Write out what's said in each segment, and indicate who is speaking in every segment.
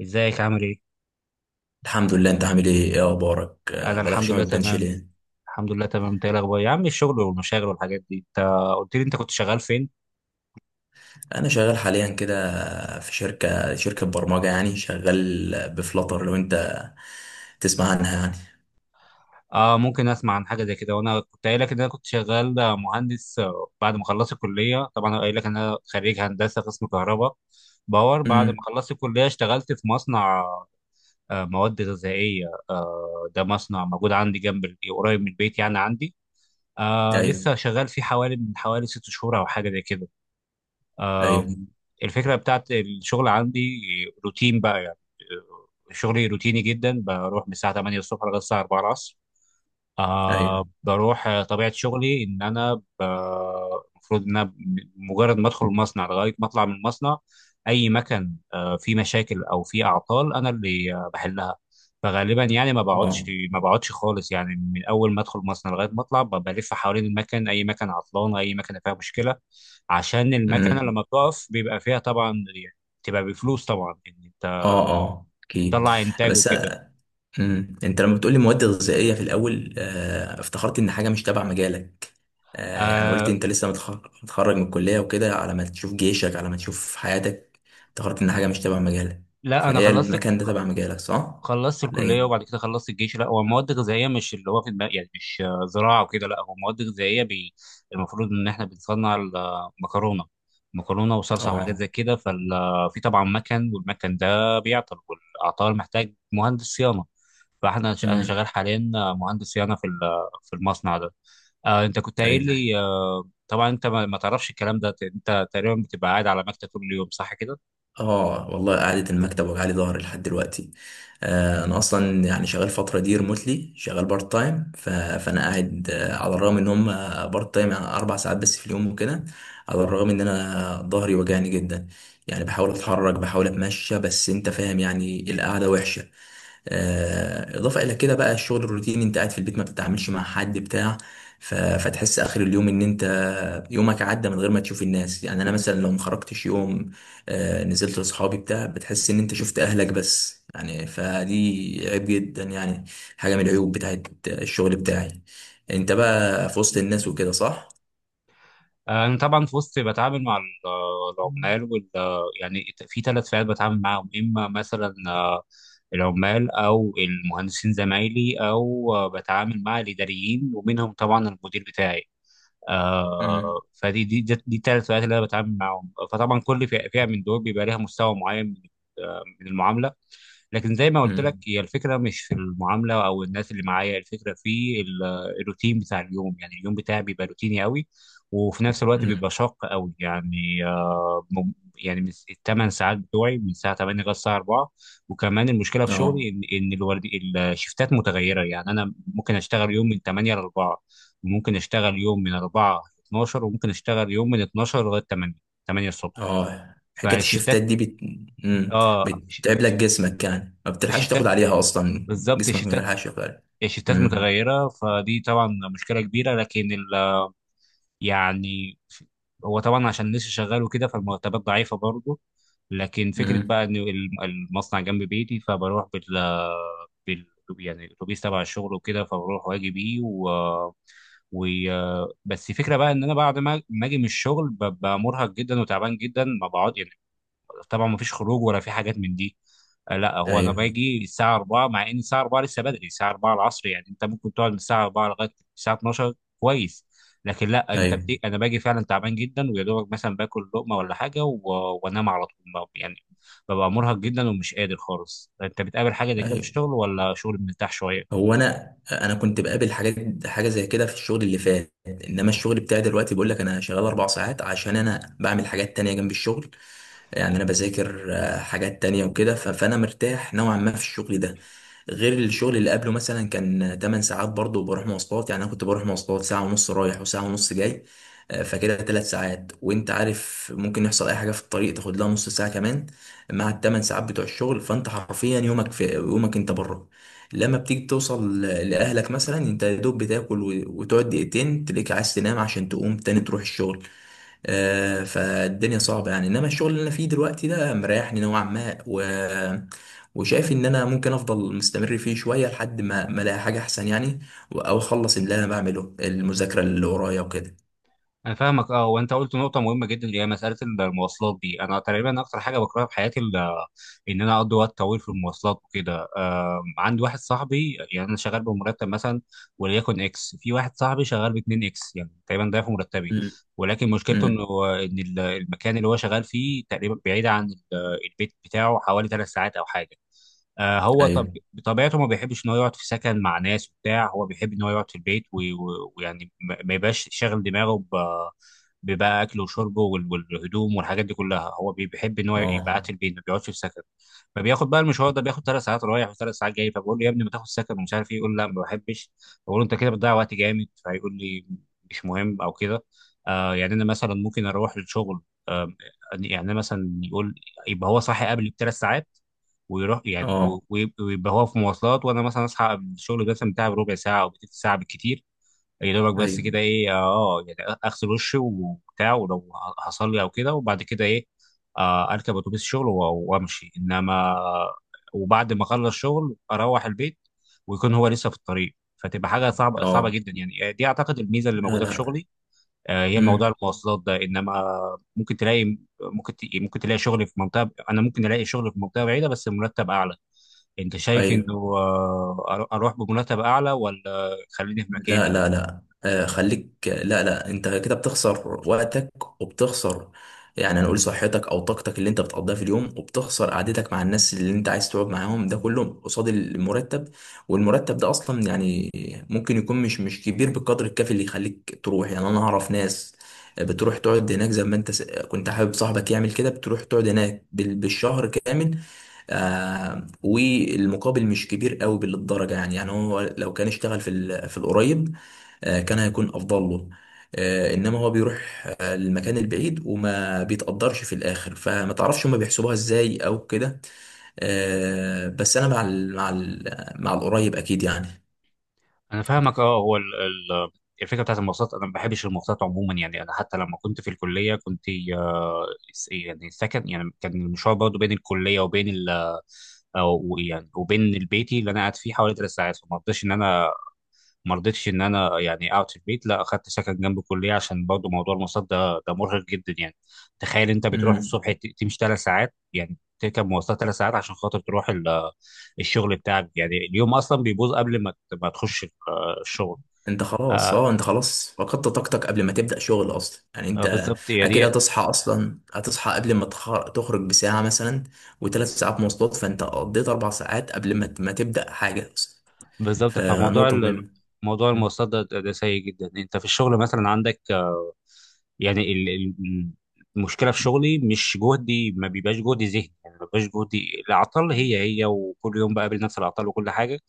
Speaker 1: ازيك عامل ايه؟
Speaker 2: الحمد لله، انت عامل ايه؟ ايه اخبارك؟
Speaker 1: انا
Speaker 2: بقالك
Speaker 1: الحمد
Speaker 2: شويه
Speaker 1: لله
Speaker 2: ما بتبانش
Speaker 1: تمام.
Speaker 2: ليه؟
Speaker 1: الحمد لله تمام، انت ايه الاخبار يا عم؟ الشغل والمشاغل والحاجات دي، انت قلت لي انت كنت شغال فين؟
Speaker 2: انا شغال حاليا كده في شركه برمجه، يعني شغال بفلاتر لو انت تسمع عنها يعني.
Speaker 1: اه، ممكن اسمع عن حاجه زي كده. وانا كنت قايل لك ان انا كنت شغال مهندس، بعد ما خلصت الكليه. طبعا انا قايل لك ان انا خريج هندسه قسم كهرباء باور. بعد ما
Speaker 2: امم.
Speaker 1: خلصت الكليه اشتغلت في مصنع، مواد غذائيه. ده مصنع موجود عندي جنب قريب من البيت، يعني عندي.
Speaker 2: ايوه.
Speaker 1: لسه شغال فيه حوالي، من حوالي 6 شهور او حاجه زي كده. آم،
Speaker 2: ايوه.
Speaker 1: الفكرة بتاعت الشغل عندي روتين بقى يعني. شغلي روتيني جدا، بروح من الساعة 8 الصبح لغاية الساعة 4 العصر. آه
Speaker 2: ايوه.
Speaker 1: بروح آه، طبيعة شغلي إن أنا، المفروض إن أنا مجرد ما أدخل المصنع لغاية ما أطلع من المصنع، أي مكان فيه مشاكل أو فيه أعطال أنا اللي بحلها. فغالبا يعني
Speaker 2: اه.
Speaker 1: ما بقعدش خالص. يعني من أول ما أدخل المصنع لغاية ما أطلع، بلف حوالين المكن، أي مكان عطلان، أي مكان فيها مشكلة. عشان المكنة
Speaker 2: امم.
Speaker 1: لما بتقف بيبقى فيها طبعا يعني، بتبقى بفلوس طبعا، إن أنت
Speaker 2: اه، اه، اكيد.
Speaker 1: بتطلع إنتاج
Speaker 2: بس.
Speaker 1: وكده.
Speaker 2: امم. انت لما بتقولي مواد غذائيه في الاول، افتكرت ان حاجه مش تبع مجالك. يعني قلت
Speaker 1: آه،
Speaker 2: انت لسه متخرج من الكليه وكده، على ما تشوف جيشك، على ما تشوف حياتك، افتكرت ان حاجه مش تبع مجالك.
Speaker 1: لا أنا
Speaker 2: فهي المكان ده تبع مجالك، صح
Speaker 1: خلصت
Speaker 2: ولا
Speaker 1: الكليه
Speaker 2: ايه؟
Speaker 1: وبعد كده خلصت الجيش. لا هو مواد غذائيه مش اللي هو في دماغ، يعني مش زراعه وكده. لا هو مواد غذائيه، المفروض ان احنا بنصنع المكرونه، مكرونه وصلصه وحاجات
Speaker 2: اه.
Speaker 1: زي كده. ففي طبعا مكن، والمكن ده بيعطل، والعطال محتاج مهندس صيانه. انا شغال
Speaker 2: امم.
Speaker 1: حاليا مهندس صيانه في المصنع ده. آه، انت كنت قايل
Speaker 2: ايوه.
Speaker 1: لي آه، طبعا انت ما تعرفش الكلام ده، انت تقريبا بتبقى قاعد على مكتب طول اليوم، صح كده؟
Speaker 2: اه والله، قعدة المكتب وجعلي ظهري لحد دلوقتي. انا اصلا يعني شغال فترة دي ريموتلي، شغال بارت تايم. فانا قاعد، على الرغم ان هم بارت تايم، يعني 4 ساعات بس في اليوم وكده، على الرغم ان انا ظهري وجعني جدا، يعني بحاول اتحرك بحاول اتمشى، بس انت فاهم يعني القعدة وحشة. اضافه الى كده بقى الشغل الروتيني، انت قاعد في البيت ما بتتعاملش مع حد بتاع، فتحس اخر اليوم ان انت يومك عدى من غير ما تشوف الناس. يعني انا مثلا لو ما خرجتش يوم، نزلت لاصحابي بتاع، بتحس ان انت شفت اهلك بس، يعني فدي عيب جدا يعني، حاجه من العيوب بتاعت الشغل بتاعي. انت بقى في وسط الناس وكده، صح؟
Speaker 1: انا طبعا في وسط، بتعامل مع العمال يعني في ثلاث فئات بتعامل معاهم. اما مثلا العمال، او المهندسين زمايلي، او بتعامل مع الاداريين ومنهم طبعا المدير بتاعي. آه،
Speaker 2: امم.
Speaker 1: فدي دي دي دي الثلاث فئات اللي انا بتعامل معاهم. فطبعا كل فئة من دول بيبقى ليها مستوى معين من، من المعامله. لكن زي ما قلت لك،
Speaker 2: امم.
Speaker 1: هي الفكره مش في المعامله او الناس اللي معايا، الفكره في الروتين بتاع اليوم. يعني اليوم بتاعي بيبقى روتيني قوي، وفي نفس الوقت
Speaker 2: أمم.
Speaker 1: بيبقى شاق قوي، يعني يعني من الثمان ساعات بتوعي، من الساعه 8 لغايه الساعه 4. وكمان المشكله في
Speaker 2: اه.
Speaker 1: شغلي ان الورد، الشفتات متغيره. يعني انا ممكن اشتغل يوم من 8 ل 4، وممكن اشتغل يوم من 4 ل 12، وممكن اشتغل يوم من 12 لغايه 8، 8 الصبح.
Speaker 2: اه، حكاية
Speaker 1: فالشفتات،
Speaker 2: الشفتات دي
Speaker 1: اه،
Speaker 2: بتتعب لك جسمك، يعني ما بتلحقش
Speaker 1: الشفتات
Speaker 2: تاخد عليها اصلا.
Speaker 1: بالظبط.
Speaker 2: جسمك ما بيلحقش ياخد عليها.
Speaker 1: الشيفتات
Speaker 2: مم.
Speaker 1: متغيرة، فدي طبعا مشكلة كبيرة. لكن ال يعني هو طبعا عشان لسه شغال وكده، فالمرتبات ضعيفة برضه. لكن فكرة
Speaker 2: مم.
Speaker 1: بقى إن المصنع جنب بيتي، فبروح بال بال يعني الأتوبيس تبع الشغل وكده، فبروح وأجي بيه. و و بس الفكرة بقى إن أنا بعد ما أجي من الشغل ببقى مرهق جدا وتعبان جدا، ما بقعد يعني، طبعا ما فيش خروج ولا في حاجات من دي. آه، لا، هو انا
Speaker 2: ايوه.
Speaker 1: باجي الساعه 4، مع ان الساعه 4 لسه بدري، الساعه 4 العصر يعني انت ممكن تقعد من الساعه 4 لغايه الساعه 12، كويس. لكن لا، انت
Speaker 2: ايوه.
Speaker 1: انا باجي فعلا تعبان جدا، ويا دوبك مثلا باكل لقمه ولا حاجه وانام على طول، يعني ببقى مرهق جدا ومش قادر خالص. انت بتقابل حاجه زي كده في
Speaker 2: ايوه.
Speaker 1: الشغل، ولا شغل مرتاح شويه؟
Speaker 2: هو انا كنت بقابل حاجه زي كده في الشغل اللي فات، انما الشغل بتاعي دلوقتي بقول لك انا شغال اربع ساعات عشان انا بعمل حاجات تانية جنب الشغل. يعني انا بذاكر حاجات تانية وكده، فانا مرتاح نوعا ما في الشغل ده، غير الشغل اللي قبله مثلا كان 8 ساعات برضه، وبروح مواصلات. يعني انا كنت بروح مواصلات ساعة ونص رايح وساعة ونص جاي، فكده 3 ساعات، وانت عارف ممكن يحصل اي حاجة في الطريق تاخد لها نص ساعة كمان مع ال8 ساعات بتوع الشغل، فانت حرفيا يومك في يومك انت بره. لما بتيجي توصل لأهلك مثلا، انت يا دوب بتاكل وتقعد دقيقتين تلاقيك عايز تنام عشان تقوم تاني تروح الشغل. فالدنيا صعبة يعني، انما الشغل اللي انا فيه دلوقتي ده مريحني نوعا ما وشايف ان انا ممكن افضل مستمر فيه شوية لحد ما الاقي حاجة احسن يعني، او اخلص اللي انا بعمله، المذاكرة اللي ورايا وكده.
Speaker 1: انا فاهمك. اه، وانت قلت نقطه مهمه جدا، اللي هي مساله المواصلات دي. انا تقريبا اكتر حاجه بكرهها في حياتي، ان انا اقضي وقت طويل في المواصلات وكده. عندي واحد صاحبي، يعني انا شغال بمرتب مثلا وليكن اكس، في واحد صاحبي شغال ب 2 اكس، يعني تقريبا ضعف مرتبي.
Speaker 2: امم.
Speaker 1: ولكن مشكلته
Speaker 2: امم.
Speaker 1: انه، المكان اللي هو شغال فيه تقريبا بعيد عن البيت بتاعه حوالي 3 ساعات او حاجه. آه، هو طب
Speaker 2: ايوه.
Speaker 1: بطبيعته ما بيحبش ان هو يقعد في سكن مع ناس وبتاع، هو بيحب ان هو يقعد في البيت، ويعني ما يبقاش شاغل دماغه ببقى اكله وشربه والهدوم والحاجات دي كلها. هو بيحب ان هو يبقى قاعد
Speaker 2: اه.
Speaker 1: في البيت، ما بيقعدش في سكن. فبياخد بقى المشوار ده، بياخد 3 ساعات رايح وثلاث ساعات جاي. فبقول له يا ابني ما تاخد سكن ومش عارف ايه، يقول لا ما بحبش. بقول له انت كده بتضيع وقت جامد، فيقول لي مش مهم او كده. آه، يعني انا مثلا ممكن اروح للشغل. آه يعني أنا مثلا يقول يبقى هو صاحي قبلي بثلاث ساعات، ويروح يعني،
Speaker 2: اه.
Speaker 1: ويبقى هو في مواصلات، وانا مثلا اصحى قبل الشغل مثلا بتاعي بربع ساعه او بتلت ساعه بالكتير. يا دوبك بس كده،
Speaker 2: ايوه.
Speaker 1: ايه، اه. يعني اغسل وشي وبتاع، ولو هصلي او كده، وبعد كده ايه، آه اركب اتوبيس الشغل وامشي انما. وبعد ما اخلص شغل اروح البيت، ويكون هو لسه في الطريق. فتبقى حاجه صعبه
Speaker 2: اه.
Speaker 1: جدا يعني. دي اعتقد الميزه اللي
Speaker 2: لا،
Speaker 1: موجوده في
Speaker 2: لا.
Speaker 1: شغلي، هي موضوع
Speaker 2: امم.
Speaker 1: المواصلات ده. انما ممكن تلاقي، ممكن تلاقي شغل في منطقه، انا ممكن الاقي شغل في منطقه بعيده بس المرتب اعلى. انت شايف انه،
Speaker 2: ايوه.
Speaker 1: اروح بمرتب اعلى ولا خليني في
Speaker 2: لا،
Speaker 1: مكاني؟
Speaker 2: لا، لا، خليك، لا، لا، انت كده بتخسر وقتك وبتخسر، يعني هنقول صحتك او طاقتك اللي انت بتقضيها في اليوم، وبتخسر قعدتك مع الناس اللي انت عايز تقعد معاهم، ده كله قصاد المرتب. والمرتب ده اصلا يعني ممكن يكون مش كبير بالقدر الكافي اللي يخليك تروح. يعني انا اعرف ناس بتروح تقعد هناك، زي ما انت كنت حابب صاحبك يعمل كده، بتروح تقعد هناك بالشهر كامل. والمقابل مش كبير قوي بالدرجه، يعني هو لو كان اشتغل في في القريب، كان هيكون افضل له. انما هو بيروح للمكان البعيد، وما بيتقدرش في الاخر. فما تعرفش هما بيحسبوها ازاي او كده. بس انا مع ال مع ال مع القريب اكيد يعني.
Speaker 1: انا فاهمك. اه، هو الفكره بتاعت المواصلات، انا ما بحبش المواصلات عموما. يعني انا حتى لما كنت في الكليه كنت، آه، يعني سكن. يعني كان المشوار برضه بين الكليه وبين ال أو يعني وبين البيتي اللي انا قاعد فيه حوالي 3 ساعات. فما اقدرش ان انا ما رضيتش ان انا يعني اقعد في البيت، لا اخدت سكن جنب الكليه، عشان برضو موضوع المواصلات ده مرهق جدا يعني. تخيل انت بتروح
Speaker 2: امم.
Speaker 1: الصبح تمشي 3 ساعات، يعني تركب مواصلات 3 ساعات عشان خاطر تروح الشغل بتاعك. يعني اليوم اصلا بيبوظ قبل ما ما تخش الشغل. آه
Speaker 2: انت خلاص فقدت طاقتك قبل ما تبدأ شغل اصلا، يعني انت
Speaker 1: بالظبط يا
Speaker 2: اكيد
Speaker 1: دي،
Speaker 2: هتصحى، اصلا هتصحى قبل ما تخرج بساعة مثلا، وثلاث ساعات مواصلات، فانت قضيت 4 ساعات قبل ما تبدأ حاجة اصلا.
Speaker 1: بالظبط. فموضوع
Speaker 2: فنقطة مهمة.
Speaker 1: موضوع المواصلات ده سيء جدا. انت في الشغل مثلا عندك، يعني المشكله في شغلي مش جهدي، ما بيبقاش جهدي ذهني، يعني ما بيبقاش جهدي، العطل هي هي وكل يوم بقابل نفس العطل وكل حاجه.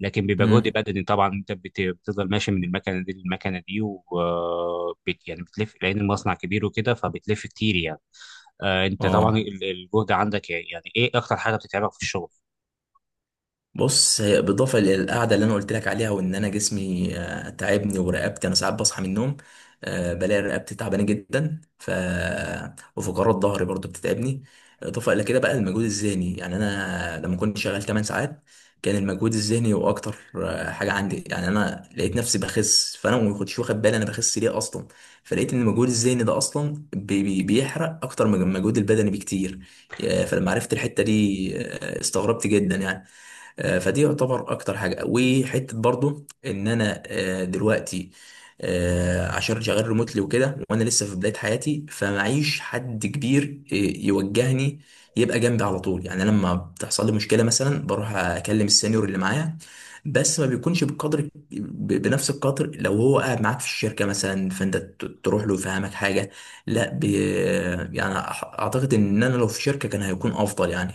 Speaker 1: لكن بيبقى جهد
Speaker 2: امم.
Speaker 1: بدني، طبعا انت بتفضل ماشي من المكنه دي للمكنه دي، يعني بتلف لان المصنع كبير وكده، فبتلف كتير يعني. آه، انت طبعا
Speaker 2: اه،
Speaker 1: الجهد عندك، يعني ايه اكتر حاجه بتتعبك في الشغل؟
Speaker 2: بص، هي بالإضافة للقعدة اللي أنا قلت لك عليها، وإن أنا جسمي تعبني، ورقبتي أنا ساعات بصحى من النوم بلاقي رقبتي تعبانة جدا. وفقرات ظهري برضو بتتعبني. إضافة إلى كده بقى المجهود الذهني. يعني أنا لما كنت شغال 8 ساعات كان المجهود الذهني هو أكتر حاجة عندي. يعني أنا لقيت نفسي بخس، فأنا ما كنتش واخد بالي أنا بخس ليه أصلا، فلقيت إن المجهود الذهني ده أصلا بي بي بيحرق أكتر من المجهود البدني بكتير. فلما عرفت الحتة دي استغربت جدا يعني. فدي يعتبر اكتر حاجه. وحته برضو ان انا دلوقتي عشان شغال ريموتلي وكده، وانا لسه في بدايه حياتي، فمعيش حد كبير يوجهني يبقى جنبي على طول. يعني لما بتحصل لي مشكله مثلا بروح اكلم السينيور اللي معايا، بس ما بيكونش بالقدر، بنفس القدر لو هو قاعد معاك في الشركه مثلا، فانت تروح له يفهمك حاجه. لا يعني اعتقد ان انا لو في شركه كان هيكون افضل، يعني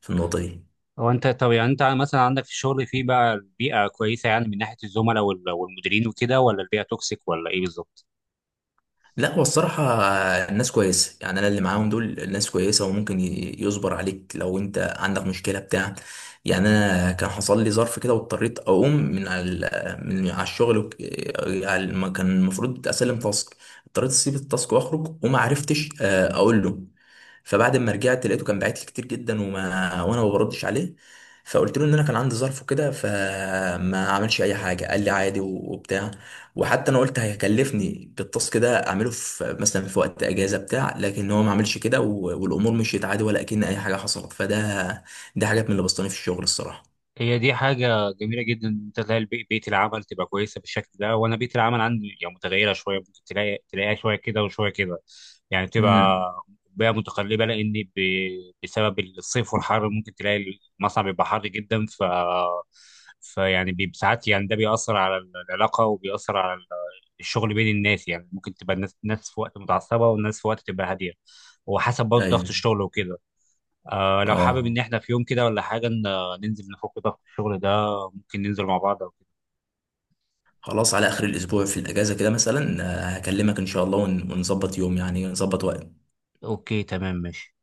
Speaker 2: في النقطه دي.
Speaker 1: هو انت طب، يعني انت مثلا عندك في الشغل في بقى البيئه كويسه يعني، من ناحيه الزملاء والمديرين وكده، ولا البيئه توكسيك ولا ايه بالظبط؟
Speaker 2: لا، هو الصراحة الناس كويسة، يعني أنا اللي معاهم دول الناس كويسة، وممكن يصبر عليك لو أنت عندك مشكلة بتاع. يعني أنا كان حصل لي ظرف كده واضطريت أقوم من على الشغل كان المفروض أسلم تاسك، اضطريت أسيب التاسك وأخرج وما عرفتش أقول له. فبعد ما رجعت لقيته كان باعت لي كتير جدا، وأنا ما بردش عليه. فقلت له ان انا كان عندي ظرف وكده، فما عملش اي حاجه، قال لي عادي وبتاع. وحتى انا قلت هيكلفني التاسك ده اعمله في في وقت اجازه بتاع، لكن هو ما عملش كده، والامور مشيت عادي ولا كأن اي حاجه حصلت. ده حاجات من اللي بسطاني في الشغل الصراحه.
Speaker 1: هي دي حاجة جميلة جدا إن أنت تلاقي بيئة العمل تبقى كويسة بالشكل ده. وأنا بيئة العمل عندي يعني متغيرة شوية، ممكن تلاقيها شوية كده وشوية كده. يعني
Speaker 2: امم.
Speaker 1: بتبقى بيئة متقلبة، بسبب الصيف والحر ممكن تلاقي المصنع بيبقى حر جدا. ساعات يعني، ده بيأثر على العلاقة وبيأثر على الشغل بين الناس. يعني ممكن تبقى ناس في وقت متعصبة، والناس في وقت تبقى هادية، وحسب برضه ضغط
Speaker 2: ايوه.
Speaker 1: الشغل وكده. آه، لو حابب
Speaker 2: اه.
Speaker 1: ان احنا في يوم كده ولا حاجه ننزل نفك ضغط الشغل ده، ممكن ننزل مع بعض او كده.
Speaker 2: خلاص، على اخر الاسبوع في الاجازه كده مثلا، هكلمك ان شاء الله ونظبط يوم، يعني نظبط وقت.
Speaker 1: اوكي، تمام، ماشي.